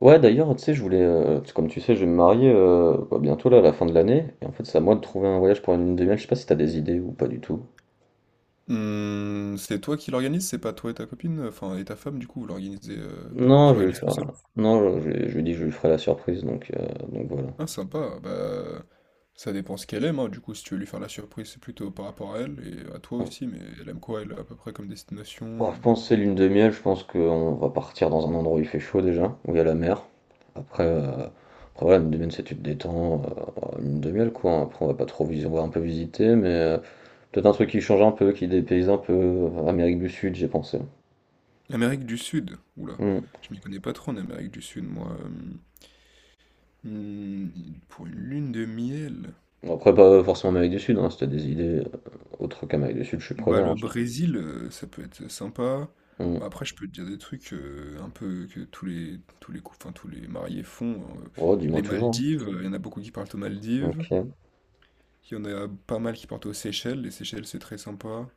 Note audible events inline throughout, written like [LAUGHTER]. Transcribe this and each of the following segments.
Ouais, d'ailleurs, tu sais, je voulais, parce que comme tu sais, je vais me marier, bah, bientôt là, à la fin de l'année, et en fait, c'est à moi de trouver un voyage pour une lune de miel. Je sais pas si t'as des idées ou pas du tout. Mmh, c'est toi qui l'organise? C'est pas toi et ta copine? Enfin, et ta femme, du coup, vous l'organisez... Non, Tu je vais lui l'organises tout faire, seul? Non, je lui dis que je lui ferai la surprise, donc voilà. Ah, sympa. Bah, ça dépend ce qu'elle aime, hein. Du coup, si tu veux lui faire la surprise, c'est plutôt par rapport à elle et à toi Bon. aussi. Mais elle aime quoi, elle, à peu près comme destination? Bon, je pense que c'est lune de miel. Je pense qu'on va partir dans un endroit où il fait chaud déjà, où il y a la mer. Après, euh, après voilà, une demi-heure, c'est tu te détends, une demi-heure, quoi. Hein. Après, on va pas trop visiter, on va un peu visiter, mais peut-être un truc qui change un peu, qui dépayse un peu. Amérique du Sud, j'ai pensé. Amérique du Sud. Oula, Hmm. je m'y connais pas trop en Amérique du Sud, moi. Hmm, pour une lune de miel... Bon, après, pas forcément Amérique du Sud, hein, si t'as des idées, autres qu'Amérique du Sud, je suis Bah, preneur, hein, le Brésil, ça peut être sympa. je. Bah, après, je peux te dire des trucs, un peu que tous les cou enfin, tous les mariés font, Oh, dis-moi Les toujours, Maldives, il y en a beaucoup qui partent aux hein. Maldives. OK. Il y en a pas mal qui partent aux Seychelles. Les Seychelles, c'est très sympa.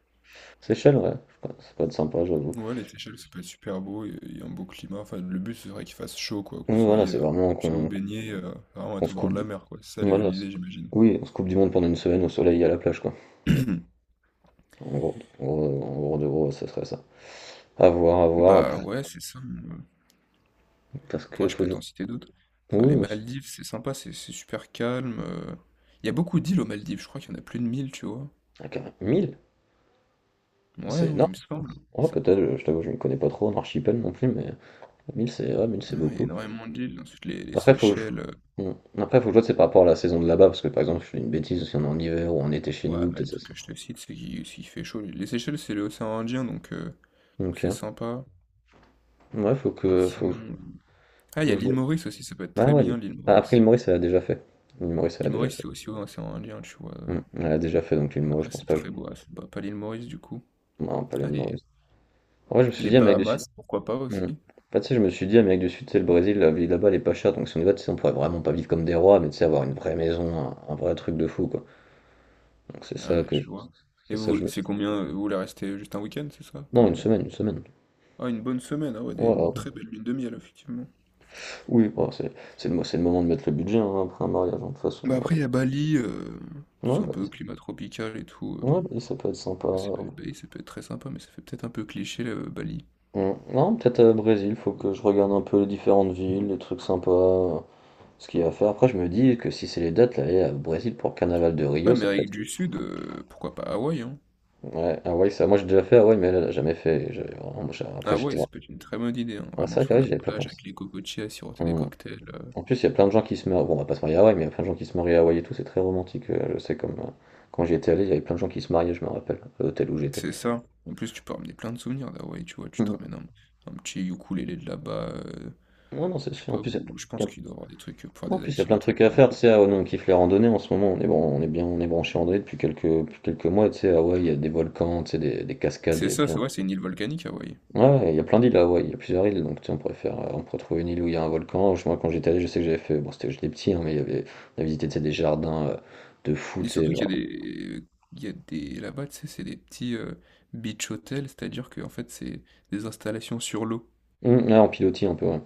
Seychelles, ouais, ouais, ça peut être sympa, j'avoue. Ouais, les Seychelles, ça peut être super beau. Il y a un beau climat. Enfin, le but, ce serait qu'il fasse chaud, quoi, que vous Oui, voilà, soyez, c'est vraiment puissiez vous qu'on baignez vraiment qu'on être au se bord coupe de la du mer, quoi. C'est ça voilà, c l'idée, j'imagine. oui, on se coupe du monde pendant une semaine au soleil et à la plage, quoi. [CLEARS THROAT] En gros, ça serait ça. À voir Bah, après, ouais, c'est ça, mmh. parce Ouais, que je faut peux que t'en citer d'autres. Enfin, oui, les aussi. Maldives, c'est sympa, c'est super calme. Il y a beaucoup d'îles aux Maldives, je crois qu'il y en a plus de mille, tu vois. Ah, carré 1. Ouais, C'est non, énorme. il me semble. Ouais, Ça... peut-être, je t'avoue, je m'y connais pas trop en archipel non plus, mais 1000, c'est ouais, 1, c'est Non, non, il y a beaucoup. énormément d'îles. Ensuite, les Après, faut que je... Seychelles. Mmh. Après, faut que je vois, c'est par rapport à la saison de là-bas, parce que par exemple, je fais une bêtise, si on est en hiver ou en été chez Ouais, nous, mais peut-être le c'est truc ça. que je te cite, c'est qu'il s'il fait chaud. Les Seychelles, c'est l'océan Indien, donc Ok. c'est sympa. Ouais, Sinon, ah, il y faut a que je l'île vois. Maurice aussi, ça peut être Ah très ouais, bien, l'île ah, après l'île Maurice. Maurice, elle a déjà fait. L'île Maurice, elle a L'île déjà Maurice, fait. c'est aussi l'océan Indien, tu vois. Hmm, elle a déjà fait, donc l'île Maurice, je Après, pense c'est pas. Très beau. Ah, c'est pas l'île Maurice, du coup. Non, pas Ah, l'île les, Maurice. En vrai, je me suis les dit, Amérique du Sud. Bahamas, pourquoi pas Hmm. aussi. En fait, tu sais, je me suis dit, Amérique du Sud, c'est le Brésil, la vie là-bas, elle est pas chère, donc si on y va, tu sais, on pourrait vraiment pas vivre comme des rois, mais tu sais, avoir une vraie maison, un vrai truc de fou, quoi. Donc c'est Ah, ça que, je- je vois. Et c'est ça que je vous, me c'est suis. combien? Vous voulez rester juste un week-end, c'est ça? Non, Pour une les... semaine, une semaine. Ah, une bonne semaine, ah ouais, une Ouais, très belle lune de miel, effectivement. oui, bah, c'est le moment de mettre le budget, hein, après un mariage, hein, de toute façon. Bah Ouais, après, il y a Bali, tout ouais, ça un peu Bali, climat tropical et tout. Ouais, Bali, ça peut être sympa. Ça, Bali, ça peut être très sympa, mais ça fait peut-être un peu cliché, là, Bali. Mmh. Non, peut-être Brésil, faut que je regarde un peu les différentes villes, les trucs sympas, ce qu'il y a à faire. Après, je me dis que si c'est les dates, là, aller à Brésil pour le carnaval de Ouais, Rio, ça peut Amérique être... du Sud, pourquoi pas Hawaï, hein? Ouais, Hawaï, ça, moi j'ai déjà fait Hawaï, mais elle a jamais fait. Après, Hawaï, j'étais... ça peut être une très bonne idée, hein. Ah, Vraiment c'est sur vrai que la j'y avais pas plage pensé. avec les cocotiers à siroter des Mmh. cocktails. En plus, il y a plein de gens qui se marient... Bon, on va pas se marier à Hawaï, mais il y a plein de gens qui se marient à Hawaï et tout, c'est très romantique, je sais, comme... Quand j'y étais allé, il y avait plein de gens qui se mariaient, je me rappelle, à l'hôtel où j'étais. C'est ça. En plus, tu peux ramener plein de souvenirs d'Hawaï, tu vois. Tu te [LAUGHS] ramènes un petit ukulélé de là-bas. Euh, Ouais, non, c'est Je sais sûr. En pas plus, il y où, je a, pense y a- qu'il doit y avoir des trucs pour faire en des plus, y a plein de activités, tu trucs à sais, en faire. Tu couple. sais, ah ouais, nous, on kiffe les randonnées en ce moment. On est, bon, on est bien, on est branché randonnée depuis quelques mois. Tu sais, ah ouais, il y a des volcans, tu sais, des cascades, C'est et ça, plein. c'est vrai, c'est une île volcanique, Hawaï. Ouais, il y a plein d'îles là, ouais. Il y a plusieurs îles. Donc, tu sais, on pourrait trouver une île où il y a un volcan. Moi, quand j'étais allé, je sais que j'avais fait, bon, c'était, j'étais petit, hein, mais il y avait, on a visité, tu sais, des jardins, de fou, Mais tu sais, surtout qu'il y a genre. des. Il y a des. Là-bas, tu sais, c'est des petits beach hotels, c'est-à-dire que en fait, c'est des installations sur l'eau. Ouais, en pilotis un peu, ouais.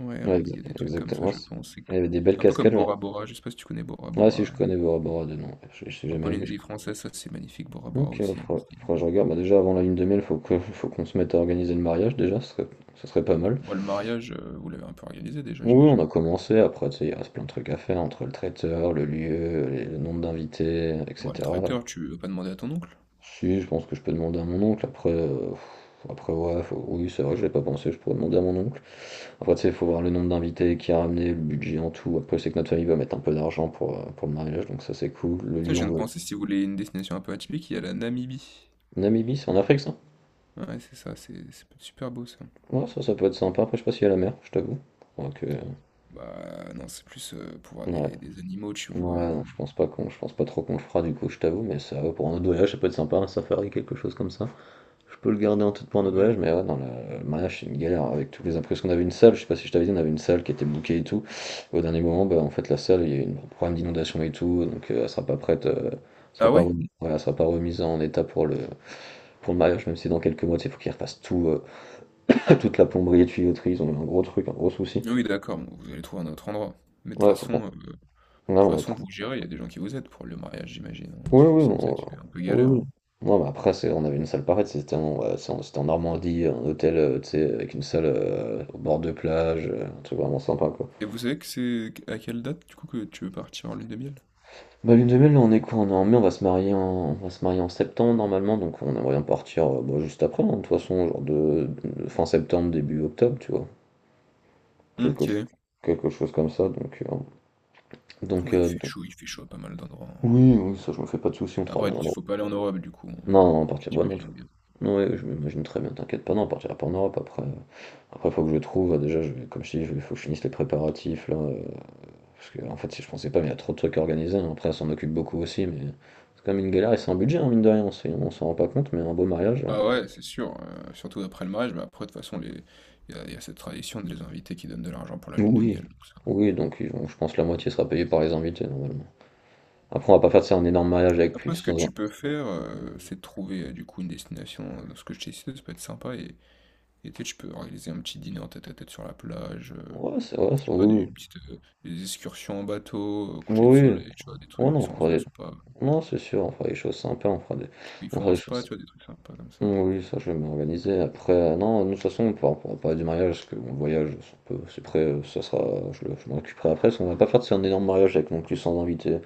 Ouais, hein, Ouais, exa- il y a des trucs comme exactement. ça, Ouais, je pense. Il y avait des belles Un peu comme cascades, genre. Bora Bora, je sais pas si tu connais Bora Ouais, si, je Bora. connais Bora Bora de nom. Ouais. Je suis En jamais allé, mais je... Polynésie française, ça c'est magnifique, Bora Bora Ok, bah, aussi, hein. faudra, c'est- faudra que je regarde. Bah, déjà avant la lune de miel, faut qu'on se mette à organiser le mariage déjà, ce serait pas mal. Bon, le mariage, vous l'avez un peu organisé déjà, Oui, on j'imagine. a commencé, après tu sais, il reste plein de trucs à faire entre le traiteur, le lieu, le nombre d'invités, Bon, le etc. traiteur, tu vas pas demander à ton oncle. Si, je pense que je peux demander à mon oncle, après ouais, oui, c'est vrai que je l'ai pas pensé, je pourrais demander à mon oncle. Après tu sais, il faut voir le nombre d'invités qui a ramené, le budget en tout. Après, c'est que notre famille va mettre un peu d'argent pour le mariage, donc ça, c'est cool. Le Tiens, lieu, je viens on de veut. penser, si vous voulez une destination un peu atypique, il y a la Namibie. Namibie, c'est en Afrique, ça? Ouais, c'est ça, c'est peut-être super beau ça. Ouais, ça peut être sympa, après je sais pas s'il y a la mer, je t'avoue. Donc, Bah non, c'est plus pour voir ouais. des animaux, tu Ouais, vois. non, je pense pas trop qu'on le fera du coup, je t'avoue, mais ça, ouais, pour un autre voyage, ça peut être sympa, un safari, quelque chose comme ça. Je peux le garder en tête pour un autre Ouais. voyage, mais ouais, dans le mariage, c'est une galère avec tous les imprévus. Qu'on avait une salle, je sais pas si je t'avais dit, on avait une salle qui était bouquée et tout. Au dernier moment, bah, en fait, la salle, il y a eu un problème d'inondation et tout, donc elle sera pas prête, elle Ah sera pas ouais? remise, ouais, elle sera pas remise en état pour le mariage, même si dans quelques mois, tu sais, faut qu'ils refassent tout, [LAUGHS] toute la plomberie et tuyauterie, ils ont eu un gros truc, un gros souci. Ah oui, d'accord, bon, vous allez trouver un autre endroit. Mais de toute Ouais, faut qu'on, façon, euh, de ouais, toute on a trop. façon, vous gérez, il y a des gens qui vous aident pour le mariage, j'imagine, hein, parce Oui, que oui, sinon ça va être un peu galère, oui, oui. hein. Non, mais après, c'est, on avait une salle pareille, c'était en, ouais, c'était en Normandie, un hôtel, tu sais, avec une salle, au bord de plage, un truc vraiment sympa, quoi. Et vous savez que c'est à quelle date, du coup, que tu veux partir en lune de miel? Bah, lune de miel, là, on est quoi? On est en mai, on va se marier en, on va se marier en septembre, normalement, donc on aimerait bien partir, bah, juste après, hein, de toute façon, genre de fin septembre, début octobre, tu vois. Quelque, ch- Ok. quelque chose comme ça, donc... euh, donc, Oui, euh, donc- il fait chaud à pas mal d'endroits, hein. Oui, oui, ça, je me fais pas de soucis, on Après, travaille il bien. faut pas aller en Europe, du coup, hein, Non, non, on tu partira. Bah non, tout. t'imagines bien. Non, ouais, je m'imagine très bien, t'inquiète pas, non, on partira pas en Europe après. Après, faut que je trouve, déjà, comme je te dis, il faut que je finisse les préparatifs, là. Parce que, en fait, si je pensais pas, mais il y a trop de trucs à organiser. Hein. Après, on s'en occupe beaucoup aussi, mais c'est quand même une galère et c'est un budget, hein, mine de rien, on s'en rend pas compte, mais un beau mariage, là. Ah ouais, c'est sûr, surtout après le mariage, mais après, de toute façon, les... il y a cette tradition de les inviter qui donnent de l'argent pour la lune de Oui. miel, tout ça. Oui, donc je pense que la moitié sera payée par les invités, normalement. Après, on va pas faire ça un énorme mariage avec Après, ce plus que de... tu peux faire, c'est de trouver du coup une destination, dans ce que je t'ai cité, ça peut être sympa, et tu sais, tu peux organiser un petit dîner en tête à tête sur la plage, Ouais, c'est vrai, je sais pas, oui. une petite, des excursions en bateau, coucher de Oui. Oui. soleil, tu vois, des Oh trucs, des non, on séances fera de des... spa. Non, c'est sûr, on fera des choses sympas, Ils on font fera un des spa, choses... tu vois, des trucs sympas comme ça. Oui, ça je vais m'organiser. Après, non, nous, de toute façon, on pourra parler du mariage, parce que bon, le voyage, ça peu c'est prêt, ça sera, je m'en occuperai après, parce qu'on va pas faire c'est un énorme mariage avec non plus 100 invités.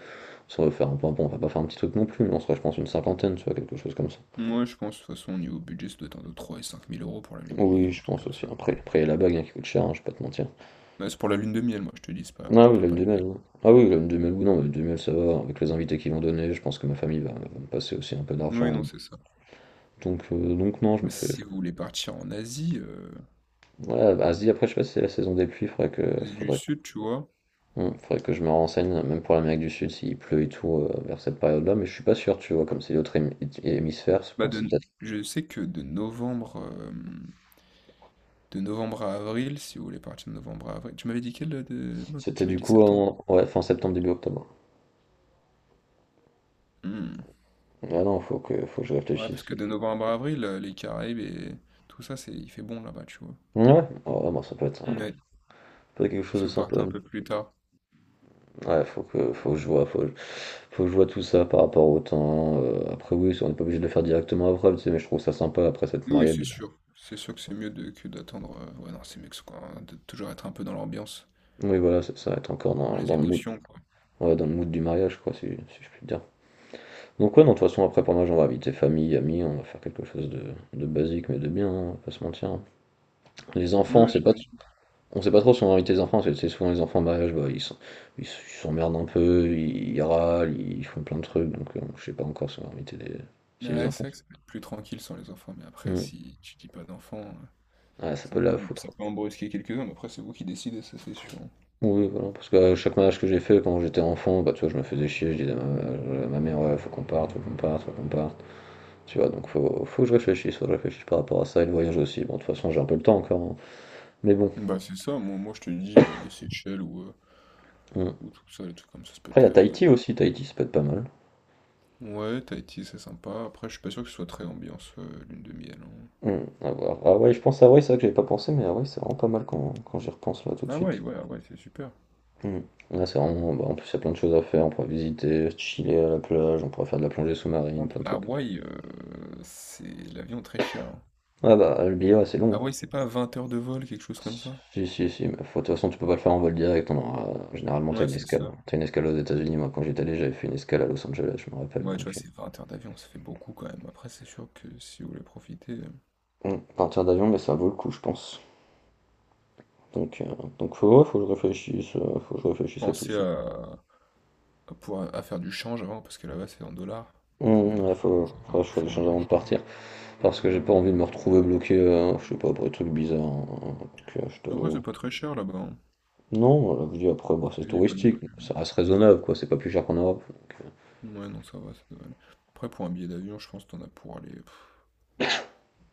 Ça va faire un peu, bon, on va pas faire un petit truc non plus, mais on sera, je pense, une cinquantaine, tu vois, quelque chose comme ça. Moi, je pense, de toute façon, au niveau budget, ça doit être entre 3 et 5 000 euros pour la lune de miel, Oui, un je truc pense comme aussi. ça. Après il y a la bague, hein, qui coûte cher, hein, je vais pas te mentir. Mais c'est pour la lune de miel, moi, je te dis, c'est pas, je Ah te oui, parle l'homme pas de... de mail, oui. Ah oui, l'homme de mail, oui, non, mais le de mail, ça va, avec les invités qu'ils vont donner, je pense que ma famille va me passer aussi un peu Oui, d'argent. non, c'est ça. Donc non, je me Moi, fais. si vous voulez partir en Asie, Ouais, bah, Asie, après, je sais pas si c'est la saison des pluies, faudrait que, Asie du faudrait Sud, tu vois, Mmh, faudrait que je me renseigne, même pour l'Amérique du Sud, s'il pleut et tout, vers cette période-là, mais je suis pas sûr, tu vois? Comme c'est l'autre hémisphère, je bah pense que c'est de, peut-être je sais que de novembre à avril, si vous voulez partir de novembre à avril, tu m'avais dit quel de... Non, c'était tu m'avais du dit coup septembre. en, ouais, fin septembre, début octobre. Hmm. Ah non, faut que je Ouais, réfléchisse, parce parce que que de novembre à avril, les Caraïbes et tout ça, c'est, il fait bon là-bas, tu vois. ouais. Oh bah, ça peut être un, Ouais, peut être quelque chose de si vous partez sympa. un peu plus tard. Ouais, faut que je vois, faut que je vois tout ça par rapport au temps, après oui, on n'est pas obligé de le faire directement après, tu sais? Mais je trouve ça sympa après cette Oui, marié. c'est sûr. C'est sûr que c'est mieux que d'attendre. Ouais, non, c'est mieux que, de toujours être un peu dans l'ambiance, Oui, voilà, ça va être encore dans dans les le mood. émotions, quoi. Ouais, dans le mood du mariage, quoi, si je puis dire. Donc ouais, non, de toute façon, après, pour moi, on va inviter famille, amis, on va faire quelque chose de basique, mais de bien, hein, on va pas se mentir, hein. Les enfants, Non, c'est pas... j'imagine. On sait pas trop si on va inviter les enfants, parce que c'est souvent les enfants en mariage, bah, ils s'emmerdent un peu, ils râlent, ils font plein de trucs, donc je sais pas encore si on va inviter des... si les Ouais, c'est enfants. vrai que ça peut être plus tranquille sans les enfants, mais après, Hmm. si tu dis pas d'enfants, Ah, ça ça peut peut, la ça foutre. peut en brusquer quelques-uns, mais après, c'est vous qui décidez, ça c'est sûr. Oui, voilà, parce que chaque mariage que j'ai fait quand j'étais enfant, bah, tu vois, je me faisais chier, je disais à ma mère, ouais, faut qu'on parte, faut qu'on parte, faut qu'on parte. Tu vois, donc faut que je réfléchisse, faut que je réfléchisse par rapport à ça, et le voyage aussi. Bon, de toute façon, j'ai un peu le temps encore, hein. Mais bon, Bah, c'est ça, moi je te dis, les Seychelles mm. ou tout ça, les trucs comme ça peut Après, il y être. a Ouais, Tahiti aussi. Tahiti, ça peut être pas mal. Ouais, Tahiti, c'est sympa. Après, je suis pas sûr que ce soit très ambiance lune de miel, hein. Mm. À voir. Ah ouais, je pense à Hawaï, c'est vrai que j'avais pas pensé, mais Hawaï, c'est vraiment pas mal quand j'y repense là tout de Ah ouais, suite. ouais, ouais, c'est super. Mm. Là, c'est vraiment. Bah, en plus, il y a plein de choses à faire. On pourra visiter, chiller à la plage, on pourra faire de la plongée Par sous-marine, contre, plein de trucs. Hawaï, c'est l'avion très cher, hein. Ah bah, le billet, ouais, c'est long. Hawaï, c'est pas 20 heures de vol, quelque chose comme ça? Si, si, si. Mais faut- de toute façon, tu peux pas le faire en vol direct. On aura... Généralement, t'as Ouais, une c'est escale. ça. T'as une escale aux États-Unis. Moi, quand j'étais allé, j'avais fait une escale à Los Angeles, je me rappelle. Ouais, tu Donc, vois, c'est 20 heures d'avion, ça fait beaucoup quand même. Après, c'est sûr que si vous voulez profiter. Partir d'avion, mais ça vaut le coup, je pense. Donc, euh, donc faut, ouais, faut que je réfléchisse, faut que je réfléchisse à tout Pensez ça. À pouvoir à faire du change avant, parce que là-bas c'est en dollars. Mmh, Donc là, faut penser à faire du faut que je change change, avant de etc. partir. Parce que j'ai pas envie de me retrouver bloqué, je sais pas, pour des trucs bizarres, hein. Donc, je En vrai, t'avoue. c'est pas très cher là-bas, hein. Non, voilà, je dis après, bah, c'est La pas non touristique. plus. Ça reste raisonnable, quoi. C'est pas plus cher qu'en Europe. Donc, Ouais, non, ça va, ça doit aller. Après, pour un billet d'avion, je pense que t'en as pour aller. Pff,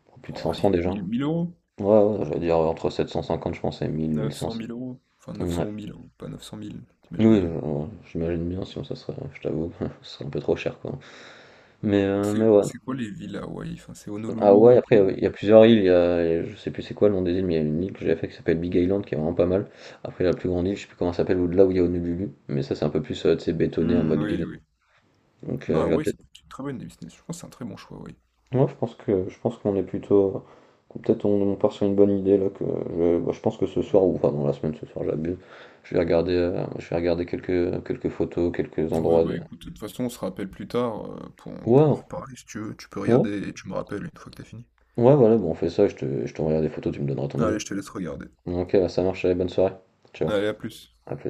pour plus de oh, 500 allez, déjà. mille euros? Ouais, ouais, j'allais dire entre 750 je pense, et 1000 Neuf cent 1500. 900 000 euros? Enfin, 900 Ouais. ou 1000, hein, pas 900 000, t'imagines Oui, bien. J'imagine bien, sinon ça serait, je t'avoue, [LAUGHS] ce serait un peu trop cher, quoi. Mais C'est ouais. c'est quoi les villes à Hawaï? Enfin, c'est Ah ouais, Honolulu et après, tout. il y a plusieurs îles. Il y a, je sais plus c'est quoi le nom des îles, mais il y a une île que j'ai fait qui s'appelle Big Island, qui est vraiment pas mal. Après, la plus grande île, je sais plus comment elle s'appelle, au-delà où il y a Honolulu. Mais ça, c'est un peu plus tu sais, bétonné en Hmm, mode oui, ville. oui. Donc, Non, j'irais Hawaï, peut-être. c'est une très bonne destination. Je pense que c'est un très bon choix, Hawaï. Moi, je pense qu'on est plutôt. Qu'on- peut-être on part sur une bonne idée là. Que, je bah, je pense que ce soir, ou enfin dans la semaine, ce soir, j'abuse. Je vais regarder quelques photos, quelques Ouais, endroits, bah des- écoute, de toute façon, on se rappelle plus tard pour en Ouais, reparler si tu veux. Tu peux ouais, regarder et tu me rappelles une fois que t'as fini. ouais, voilà, bon, on fait ça. Je t'enverrai des photos, tu me donneras ton avis. Allez, je te laisse regarder. Ok, ça marche, allez, bonne soirée. Ciao, Allez, à plus. à plus.